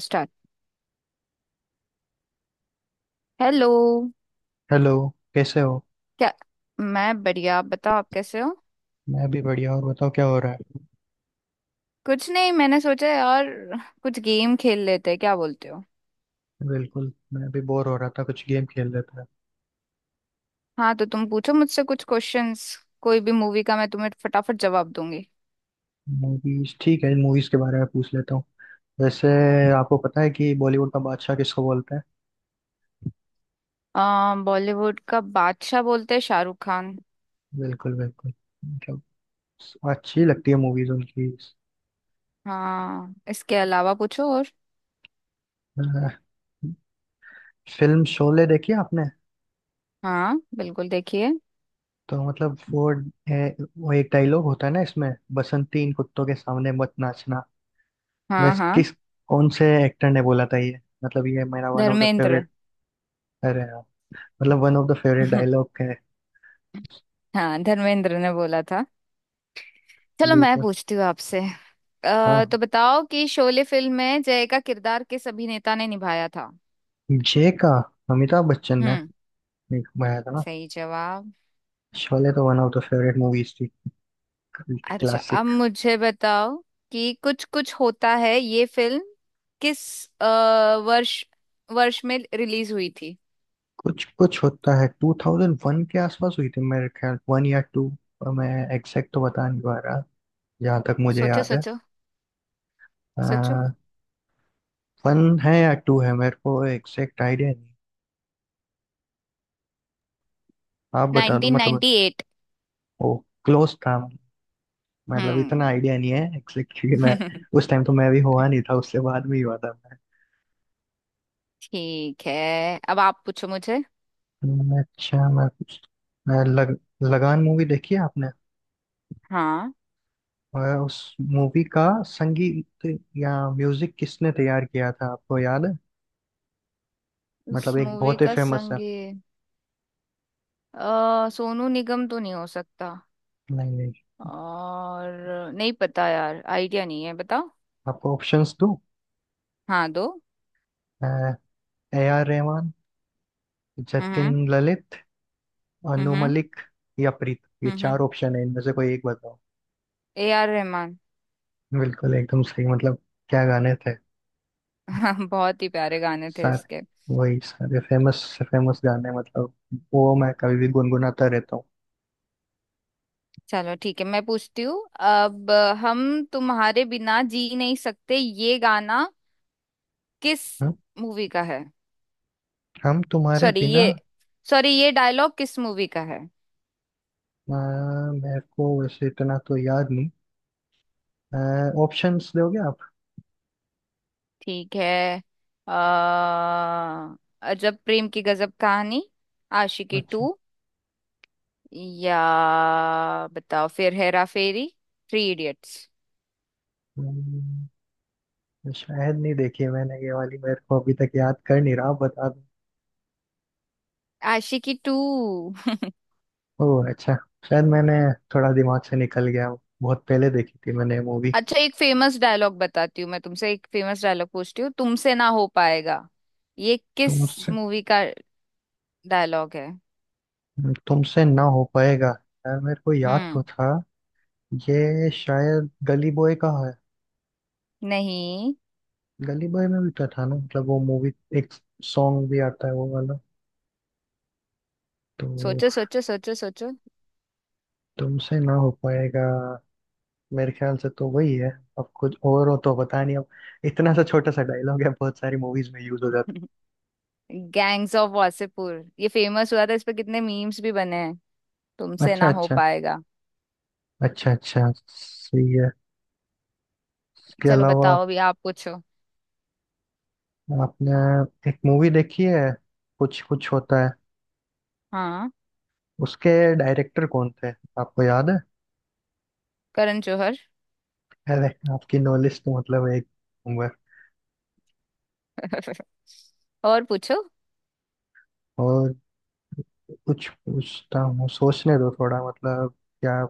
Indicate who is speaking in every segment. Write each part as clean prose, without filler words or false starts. Speaker 1: Start. Hello.
Speaker 2: Hello. कैसे हो?
Speaker 1: क्या? मैं बढ़िया, आप बताओ, आप कैसे हो?
Speaker 2: मैं भी बढ़िया। और बताओ, क्या हो रहा है?
Speaker 1: कुछ नहीं, मैंने सोचा यार कुछ गेम खेल लेते हैं, क्या बोलते हो?
Speaker 2: बिल्कुल, मैं भी बोर हो रहा था। कुछ गेम खेल लेता है।
Speaker 1: हाँ, तो तुम पूछो मुझसे कुछ क्वेश्चंस, कोई भी मूवी का, मैं तुम्हें फटाफट जवाब दूंगी।
Speaker 2: मूवीज ठीक है। मूवीज के बारे में पूछ लेता हूँ। वैसे, आपको पता है कि बॉलीवुड का बादशाह किसको बोलते हैं?
Speaker 1: बॉलीवुड का बादशाह बोलते हैं शाहरुख खान।
Speaker 2: बिल्कुल बिल्कुल। मतलब, अच्छी लगती है मूवीज उनकी।
Speaker 1: हाँ, इसके अलावा पूछो और।
Speaker 2: अ, फिल्म शोले देखी आपने?
Speaker 1: हाँ बिल्कुल, देखिए।
Speaker 2: तो मतलब वो, वो एक डायलॉग होता है ना इसमें। बसंती, इन कुत्तों के सामने मत नाचना।
Speaker 1: हाँ
Speaker 2: वैसे,
Speaker 1: हाँ,
Speaker 2: किस कौन से एक्टर ने बोला था ये? मतलब ये मेरा one of the
Speaker 1: Dharmendra.
Speaker 2: Favourite है। मतलब one of the favourite dialogue है।
Speaker 1: हाँ, धर्मेंद्र ने बोला था। चलो मैं
Speaker 2: बिल्कुल।
Speaker 1: पूछती हूँ आपसे।
Speaker 2: हाँ,
Speaker 1: तो बताओ कि शोले फिल्म में जय का किरदार किस अभिनेता ने निभाया था?
Speaker 2: जे का अमिताभ बच्चन ने
Speaker 1: हम्म।
Speaker 2: एक बनाया था ना।
Speaker 1: सही जवाब।
Speaker 2: शोले तो one of the favourite movies थी।
Speaker 1: अच्छा, अब
Speaker 2: क्लासिक।
Speaker 1: मुझे बताओ कि कुछ कुछ होता है ये फिल्म किस अ, वर्ष वर्ष में रिलीज हुई थी?
Speaker 2: कुछ कुछ होता है 2001 के आसपास हुई थी, मेरे ख्याल, वन या टू। मैं एग्जैक्ट तो बता नहीं पा रहा। जहाँ तक मुझे
Speaker 1: सोचो
Speaker 2: याद है,
Speaker 1: सोचो, सोचो।
Speaker 2: वन है या टू है, मेरे को एग्जैक्ट आइडिया नहीं। आप बता दो मतलब।
Speaker 1: 1998।
Speaker 2: ओ, क्लोज था। मतलब इतना
Speaker 1: हम्म।
Speaker 2: आइडिया नहीं है एग्जैक्ट, क्योंकि मैं उस टाइम तो मैं भी हुआ नहीं था, उससे बाद में ही हुआ था।
Speaker 1: ठीक है, अब आप पूछो मुझे।
Speaker 2: अच्छा, मैं लगान मूवी देखी है आपने?
Speaker 1: हाँ।
Speaker 2: और उस मूवी का संगीत या म्यूजिक किसने तैयार किया था, आपको याद है?
Speaker 1: उस
Speaker 2: मतलब एक
Speaker 1: मूवी
Speaker 2: बहुत ही
Speaker 1: का
Speaker 2: फेमस है।
Speaker 1: संगीत, सोनू निगम तो नहीं हो सकता।
Speaker 2: नहीं नहीं।
Speaker 1: और नहीं पता यार, आइडिया नहीं है, बताओ।
Speaker 2: आपको ऑप्शंस दो।
Speaker 1: हाँ, दो।
Speaker 2: ए आर रहमान, जतिन
Speaker 1: हम्म,
Speaker 2: ललित, अनु
Speaker 1: हम्म,
Speaker 2: मलिक, या प्रीत, ये
Speaker 1: हम्म,
Speaker 2: चार ऑप्शन है, इनमें से कोई एक बताओ।
Speaker 1: ए आर रहमान।
Speaker 2: बिल्कुल, एकदम सही। मतलब क्या गाने थे।
Speaker 1: हाँ, बहुत ही प्यारे गाने थे इसके।
Speaker 2: सारे, वही सारे फेमस से फेमस गाने, मतलब वो मैं कभी भी गुनगुनाता रहता हूँ।
Speaker 1: चलो ठीक है, मैं पूछती हूँ अब। हम तुम्हारे बिना जी नहीं सकते, ये गाना किस
Speaker 2: हम्म?
Speaker 1: मूवी का है?
Speaker 2: हम तुम्हारे
Speaker 1: सॉरी ये
Speaker 2: बिना।
Speaker 1: सॉरी, ये डायलॉग किस मूवी का है?
Speaker 2: मेरे को वैसे इतना तो याद नहीं। ऑप्शंस दोगे आप?
Speaker 1: ठीक है। अ अजब प्रेम की गजब कहानी, आशिकी
Speaker 2: अच्छा।
Speaker 1: टू, या बताओ फिर, हेरा फेरी, थ्री इडियट्स।
Speaker 2: हम्म, शायद नहीं देखी है मैंने, ये वाली मेरे को अभी तक याद कर नहीं रहा। आप बता दो।
Speaker 1: आशिकी टू।
Speaker 2: ओह, अच्छा। शायद मैंने, थोड़ा दिमाग से निकल गया। बहुत पहले देखी थी मैंने मूवी।
Speaker 1: अच्छा, एक फेमस डायलॉग बताती हूँ मैं तुमसे, एक फेमस डायलॉग पूछती हूँ तुमसे, ना हो पाएगा, ये किस
Speaker 2: तुमसे
Speaker 1: मूवी का डायलॉग है?
Speaker 2: तुमसे ना हो पाएगा। यार, मेरे को याद तो
Speaker 1: हम्म।
Speaker 2: था। ये शायद गली बॉय का है।
Speaker 1: नहीं।
Speaker 2: गली बॉय में भी तो था ना, मतलब वो मूवी एक सॉन्ग भी आता है वो वाला, तो।
Speaker 1: सोचो सोचो सोचो सोचो।
Speaker 2: तुमसे ना हो पाएगा, मेरे ख्याल से तो वही है। अब कुछ और हो तो पता नहीं अब। इतना सा छोटा सा डायलॉग है, बहुत सारी मूवीज में यूज हो जाता
Speaker 1: गैंग्स ऑफ वासेपुर। ये फेमस हुआ था, इस पे कितने मीम्स भी बने हैं,
Speaker 2: है।
Speaker 1: तुमसे
Speaker 2: अच्छा
Speaker 1: ना हो
Speaker 2: अच्छा।
Speaker 1: पाएगा।
Speaker 2: अच्छा अच्छा। सही है। इसके
Speaker 1: चलो
Speaker 2: अलावा,
Speaker 1: बताओ, अभी आप पूछो।
Speaker 2: आपने एक मूवी देखी है, कुछ कुछ होता है,
Speaker 1: हाँ,
Speaker 2: उसके डायरेक्टर कौन थे, आपको याद है?
Speaker 1: करण जौहर।
Speaker 2: अरे, आपकी नॉलेज तो मतलब एक नंबर।
Speaker 1: और पूछो।
Speaker 2: और कुछ पूछता हूँ, सोचने दो थोड़ा, मतलब क्या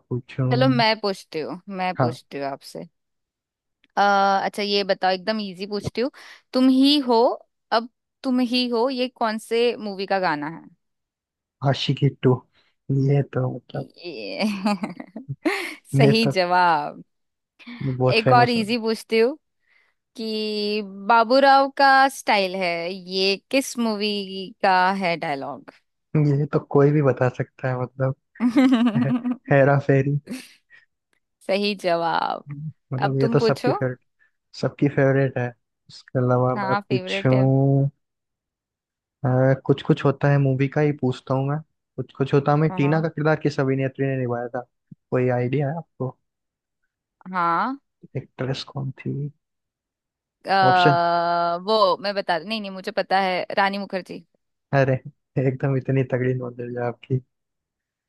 Speaker 1: चलो,
Speaker 2: पूछूं।
Speaker 1: मैं
Speaker 2: हाँ।
Speaker 1: पूछती हूँ आपसे। अ, अच्छा, ये बताओ, एकदम इजी पूछती हूँ। तुम ही हो। अब, तुम ही हो, ये कौन से मूवी का गाना है?
Speaker 2: आशिकी टू, ये तो मतलब
Speaker 1: ये।
Speaker 2: ये
Speaker 1: सही
Speaker 2: तो
Speaker 1: जवाब।
Speaker 2: बहुत
Speaker 1: एक और
Speaker 2: फेमस है।
Speaker 1: इजी पूछती हूँ, कि बाबूराव का स्टाइल है, ये किस मूवी का है डायलॉग?
Speaker 2: ये तो कोई भी बता सकता है मतलब। हे, हेरा फेरी।
Speaker 1: सही जवाब। अब
Speaker 2: मतलब ये
Speaker 1: तुम
Speaker 2: तो सबकी
Speaker 1: पूछो।
Speaker 2: फेवरेट, सबकी फेवरेट है। इसके अलावा मैं
Speaker 1: हाँ, फेवरेट है।
Speaker 2: पूछूं, कुछ कुछ होता है मूवी का ही पूछता हूँ मैं। कुछ कुछ होता है में टीना
Speaker 1: हाँ,
Speaker 2: का किरदार किस अभिनेत्री ने निभाया था? कोई आइडिया है आपको?
Speaker 1: हाँ।
Speaker 2: एक्ट्रेस कौन थी? ऑप्शन?
Speaker 1: वो मैं बता नहीं, नहीं, मुझे पता है, रानी मुखर्जी।
Speaker 2: अरे, एकदम इतनी तगड़ी नॉलेज है आपकी।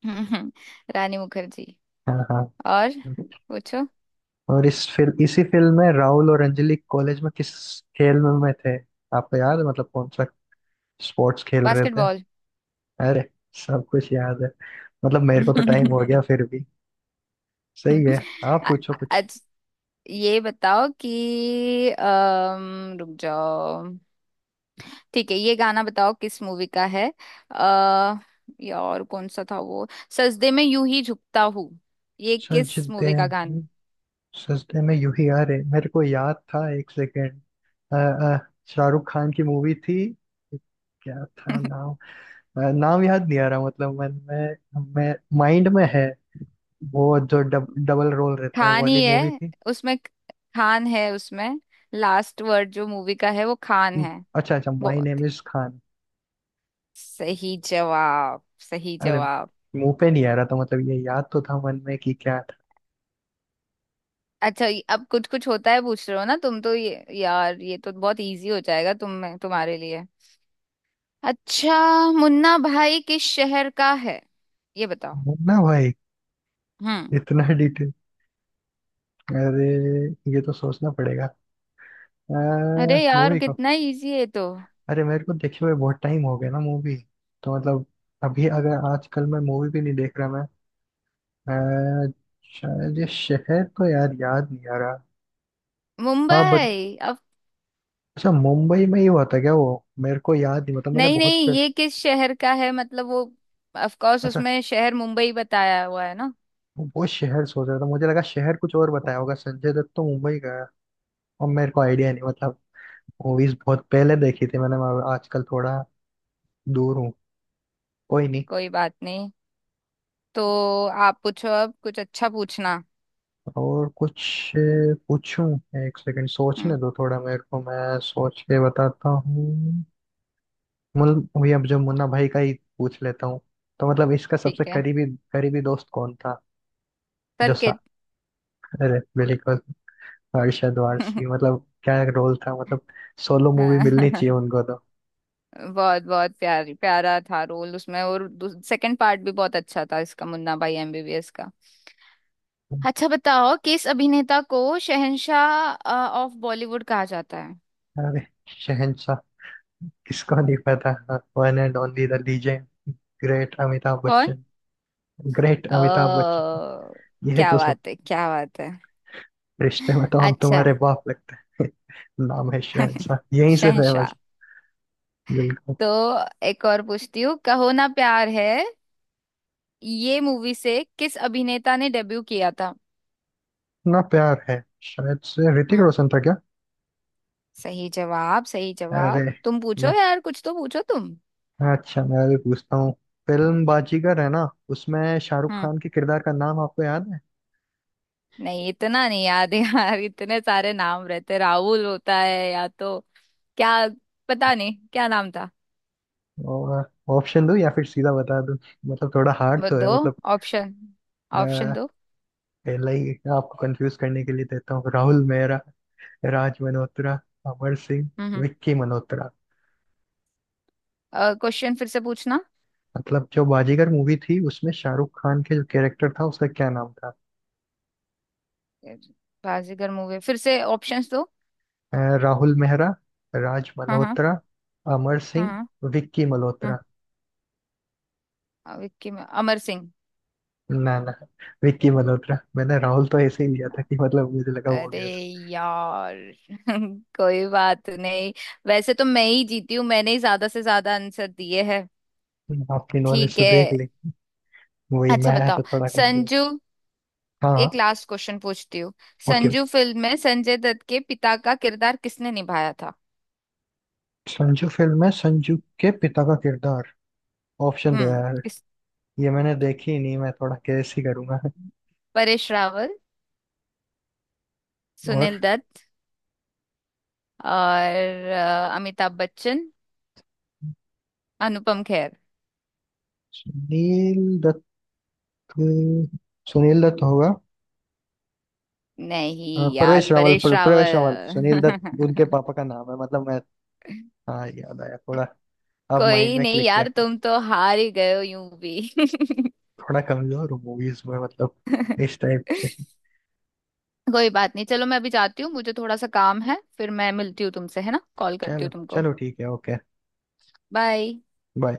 Speaker 1: रानी मुखर्जी।
Speaker 2: हाँ हाँ।
Speaker 1: और पूछो।
Speaker 2: और इस फिल्म इसी फिल्म में राहुल और अंजलि कॉलेज में किस खेल में थे? आपको याद है, मतलब कौन सा स्पोर्ट्स खेल रहे थे?
Speaker 1: बास्केटबॉल।
Speaker 2: अरे, सब कुछ याद है। मतलब मेरे को तो टाइम हो गया फिर भी। सही है। आप पूछो कुछ।
Speaker 1: आज ये बताओ कि रुक जाओ, ठीक है, ये गाना बताओ किस मूवी का है। आ, यार कौन सा था वो, सजदे में यूं ही झुकता हूँ, ये किस
Speaker 2: सजदे
Speaker 1: मूवी का गाना?
Speaker 2: सजदे में यूं ही आ रहे, मेरे को याद था, एक सेकेंड। शाहरुख खान की मूवी थी। क्या था नाम? नाम याद नहीं आ रहा, मतलब मन में, मैं माइंड में है। वो जो डबल रोल रहता है वो
Speaker 1: खान
Speaker 2: वाली
Speaker 1: ही
Speaker 2: मूवी
Speaker 1: है
Speaker 2: थी।
Speaker 1: उसमें। खान है उसमें, लास्ट वर्ड जो मूवी का है वो खान
Speaker 2: हम्म,
Speaker 1: है।
Speaker 2: अच्छा अच्छा, माई
Speaker 1: बहुत ही
Speaker 2: नेम इज खान।
Speaker 1: सही जवाब, सही
Speaker 2: अरे,
Speaker 1: जवाब।
Speaker 2: मुंह पे नहीं आ रहा था, मतलब ये याद तो था मन में कि क्या
Speaker 1: अच्छा, अब कुछ कुछ होता है पूछ रहे हो ना तुम, तो ये यार, ये तो बहुत इजी हो जाएगा तुम्हारे लिए। अच्छा, मुन्ना भाई किस शहर का है, ये बताओ।
Speaker 2: था ना भाई।
Speaker 1: हम्म।
Speaker 2: इतना, अरे, ये तो सोचना पड़ेगा।
Speaker 1: अरे यार,
Speaker 2: मूवी का।
Speaker 1: कितना इजी है ये तो।
Speaker 2: अरे, मेरे को देखे हुए बहुत टाइम हो गया ना मूवी, तो मतलब। अभी अगर आजकल मैं मूवी भी नहीं देख रहा, मैं, अ, शायद ये शहर तो यार याद नहीं आ रहा। हाँ, बट
Speaker 1: मुंबई। अब,
Speaker 2: अच्छा मुंबई में ही हुआ था क्या वो मेरे को याद नहीं, मतलब
Speaker 1: नहीं नहीं, ये किस शहर का है मतलब वो, ऑफ कोर्स
Speaker 2: अच्छा,
Speaker 1: उसमें शहर मुंबई बताया हुआ है ना।
Speaker 2: वो शहर सोच रहा था, मुझे लगा शहर कुछ और बताया होगा। संजय दत्त तो मुंबई का है। और मेरे को आइडिया नहीं, मतलब मूवीज बहुत पहले देखी थी मैंने। मैं आजकल थोड़ा दूर हूँ। कोई नहीं।
Speaker 1: कोई बात नहीं, तो आप पूछो अब, कुछ अच्छा पूछना।
Speaker 2: और कुछ पूछूं? एक सेकंड, सोचने
Speaker 1: हम्म,
Speaker 2: दो थोड़ा मेरे को, मैं सोच के बताता हूँ। वही, अब जो मुन्ना भाई का ही पूछ लेता हूँ। तो मतलब इसका सबसे
Speaker 1: ठीक है,
Speaker 2: करीबी करीबी दोस्त कौन था। जो
Speaker 1: सर के।
Speaker 2: सा अरे बिल्कुल, अरशद वारसी, मतलब क्या रोल था, मतलब सोलो मूवी मिलनी चाहिए
Speaker 1: बहुत
Speaker 2: उनको तो।
Speaker 1: बहुत प्यारी प्यारा था रोल उसमें, और सेकंड पार्ट भी बहुत अच्छा था इसका, मुन्ना भाई एमबीबीएस का। अच्छा बताओ, किस अभिनेता को शहंशाह ऑफ बॉलीवुड कहा जाता है?
Speaker 2: अरे, शहंशाह, किसको नहीं पता। One and only the legend, great Amitabh
Speaker 1: कौन?
Speaker 2: बच्चन। ग्रेट अमिताभ
Speaker 1: ओ,
Speaker 2: बच्चन। ये
Speaker 1: क्या
Speaker 2: तो,
Speaker 1: बात है, क्या बात है।
Speaker 2: रिश्ते में तो हम
Speaker 1: अच्छा।
Speaker 2: तुम्हारे बाप लगते हैं। नाम है शहंशाह, यहीं से
Speaker 1: शहंशाह।
Speaker 2: फेमस। बिल्कुल।
Speaker 1: तो एक और पूछती हूँ, कहो ना प्यार है, ये मूवी से किस अभिनेता ने डेब्यू किया था?
Speaker 2: इतना प्यार है। शायद से ऋतिक
Speaker 1: हम्म,
Speaker 2: रोशन था क्या?
Speaker 1: सही जवाब, सही
Speaker 2: अरे,
Speaker 1: जवाब। तुम पूछो
Speaker 2: मैं
Speaker 1: यार, कुछ तो पूछो तुम।
Speaker 2: अच्छा, मैं भी पूछता हूँ। फिल्म बाजीगर है ना, उसमें शाहरुख
Speaker 1: हम्म,
Speaker 2: खान के किरदार का नाम आपको याद है?
Speaker 1: नहीं इतना नहीं याद है यार, इतने सारे नाम रहते, राहुल होता है या तो क्या, पता नहीं क्या नाम था।
Speaker 2: और ऑप्शन दूं या फिर सीधा बता दूं? मतलब थोड़ा हार्ड
Speaker 1: वो
Speaker 2: तो है
Speaker 1: दो
Speaker 2: मतलब।
Speaker 1: ऑप्शन,
Speaker 2: अ,
Speaker 1: ऑप्शन दो।
Speaker 2: पहले ही आपको कंफ्यूज करने के लिए देता हूँ। राहुल मेहरा, राज मल्होत्रा, अमर सिंह,
Speaker 1: हम्म।
Speaker 2: विक्की मल्होत्रा।
Speaker 1: क्वेश्चन फिर से पूछना।
Speaker 2: मतलब जो बाजीगर मूवी थी, उसमें शाहरुख खान के जो कैरेक्टर था उसका क्या नाम था?
Speaker 1: बाजीगर मूवी, फिर से ऑप्शंस दो।
Speaker 2: अ, राहुल मेहरा, राज
Speaker 1: हाँ हाँ।
Speaker 2: मल्होत्रा, अमर
Speaker 1: हाँ हाँ।
Speaker 2: सिंह, विक्की मल्होत्रा।
Speaker 1: हाँ। विक्की, में अमर सिंह।
Speaker 2: ना ना, विक्की मल्होत्रा। मैंने राहुल तो ऐसे ही लिया था कि मतलब मुझे लगा वो हो
Speaker 1: अरे
Speaker 2: गया।
Speaker 1: यार, कोई बात नहीं। वैसे तो मैं ही जीती हूँ, मैंने ही ज्यादा से ज्यादा आंसर दिए हैं।
Speaker 2: था, आपकी नॉलेज
Speaker 1: ठीक
Speaker 2: तो
Speaker 1: है,
Speaker 2: देख ली। वही, मैं
Speaker 1: अच्छा
Speaker 2: है
Speaker 1: बताओ,
Speaker 2: तो थोड़ा कमजोर।
Speaker 1: संजू।
Speaker 2: हाँ हाँ।
Speaker 1: एक लास्ट क्वेश्चन पूछती हूँ,
Speaker 2: ओके ओके।
Speaker 1: संजू फिल्म में संजय दत्त के पिता का किरदार किसने निभाया था?
Speaker 2: संजू फिल्म में संजू के पिता का किरदार, ऑप्शन दो
Speaker 1: हम्म,
Speaker 2: यार।
Speaker 1: किस?
Speaker 2: ये मैंने देखी ही नहीं, मैं थोड़ा कैसे ही करूंगा।
Speaker 1: परेश रावल,
Speaker 2: और
Speaker 1: सुनील दत्त, और अमिताभ बच्चन, अनुपम खेर।
Speaker 2: सुनील दत्त, सुनील दत्त होगा। हाँ,
Speaker 1: नहीं यार,
Speaker 2: प्रवेश रावल,
Speaker 1: परेश
Speaker 2: प्रवेश रावल, सुनील दत्त उनके
Speaker 1: रावल।
Speaker 2: पापा का नाम है, मतलब मैं। हाँ, याद आया थोड़ा, अब माइंड
Speaker 1: कोई
Speaker 2: में
Speaker 1: नहीं
Speaker 2: क्लिक किया।
Speaker 1: यार, तुम तो हार ही गए हो यूं भी।
Speaker 2: थोड़ा कमजोर हूँ मूवीज में, मतलब इस टाइप के।
Speaker 1: कोई बात नहीं, चलो मैं अभी जाती हूँ, मुझे थोड़ा सा काम है, फिर मैं मिलती हूँ तुमसे, है ना, कॉल करती
Speaker 2: चलो
Speaker 1: हूँ तुमको।
Speaker 2: चलो, ठीक है, ओके।
Speaker 1: बाय।
Speaker 2: बाय।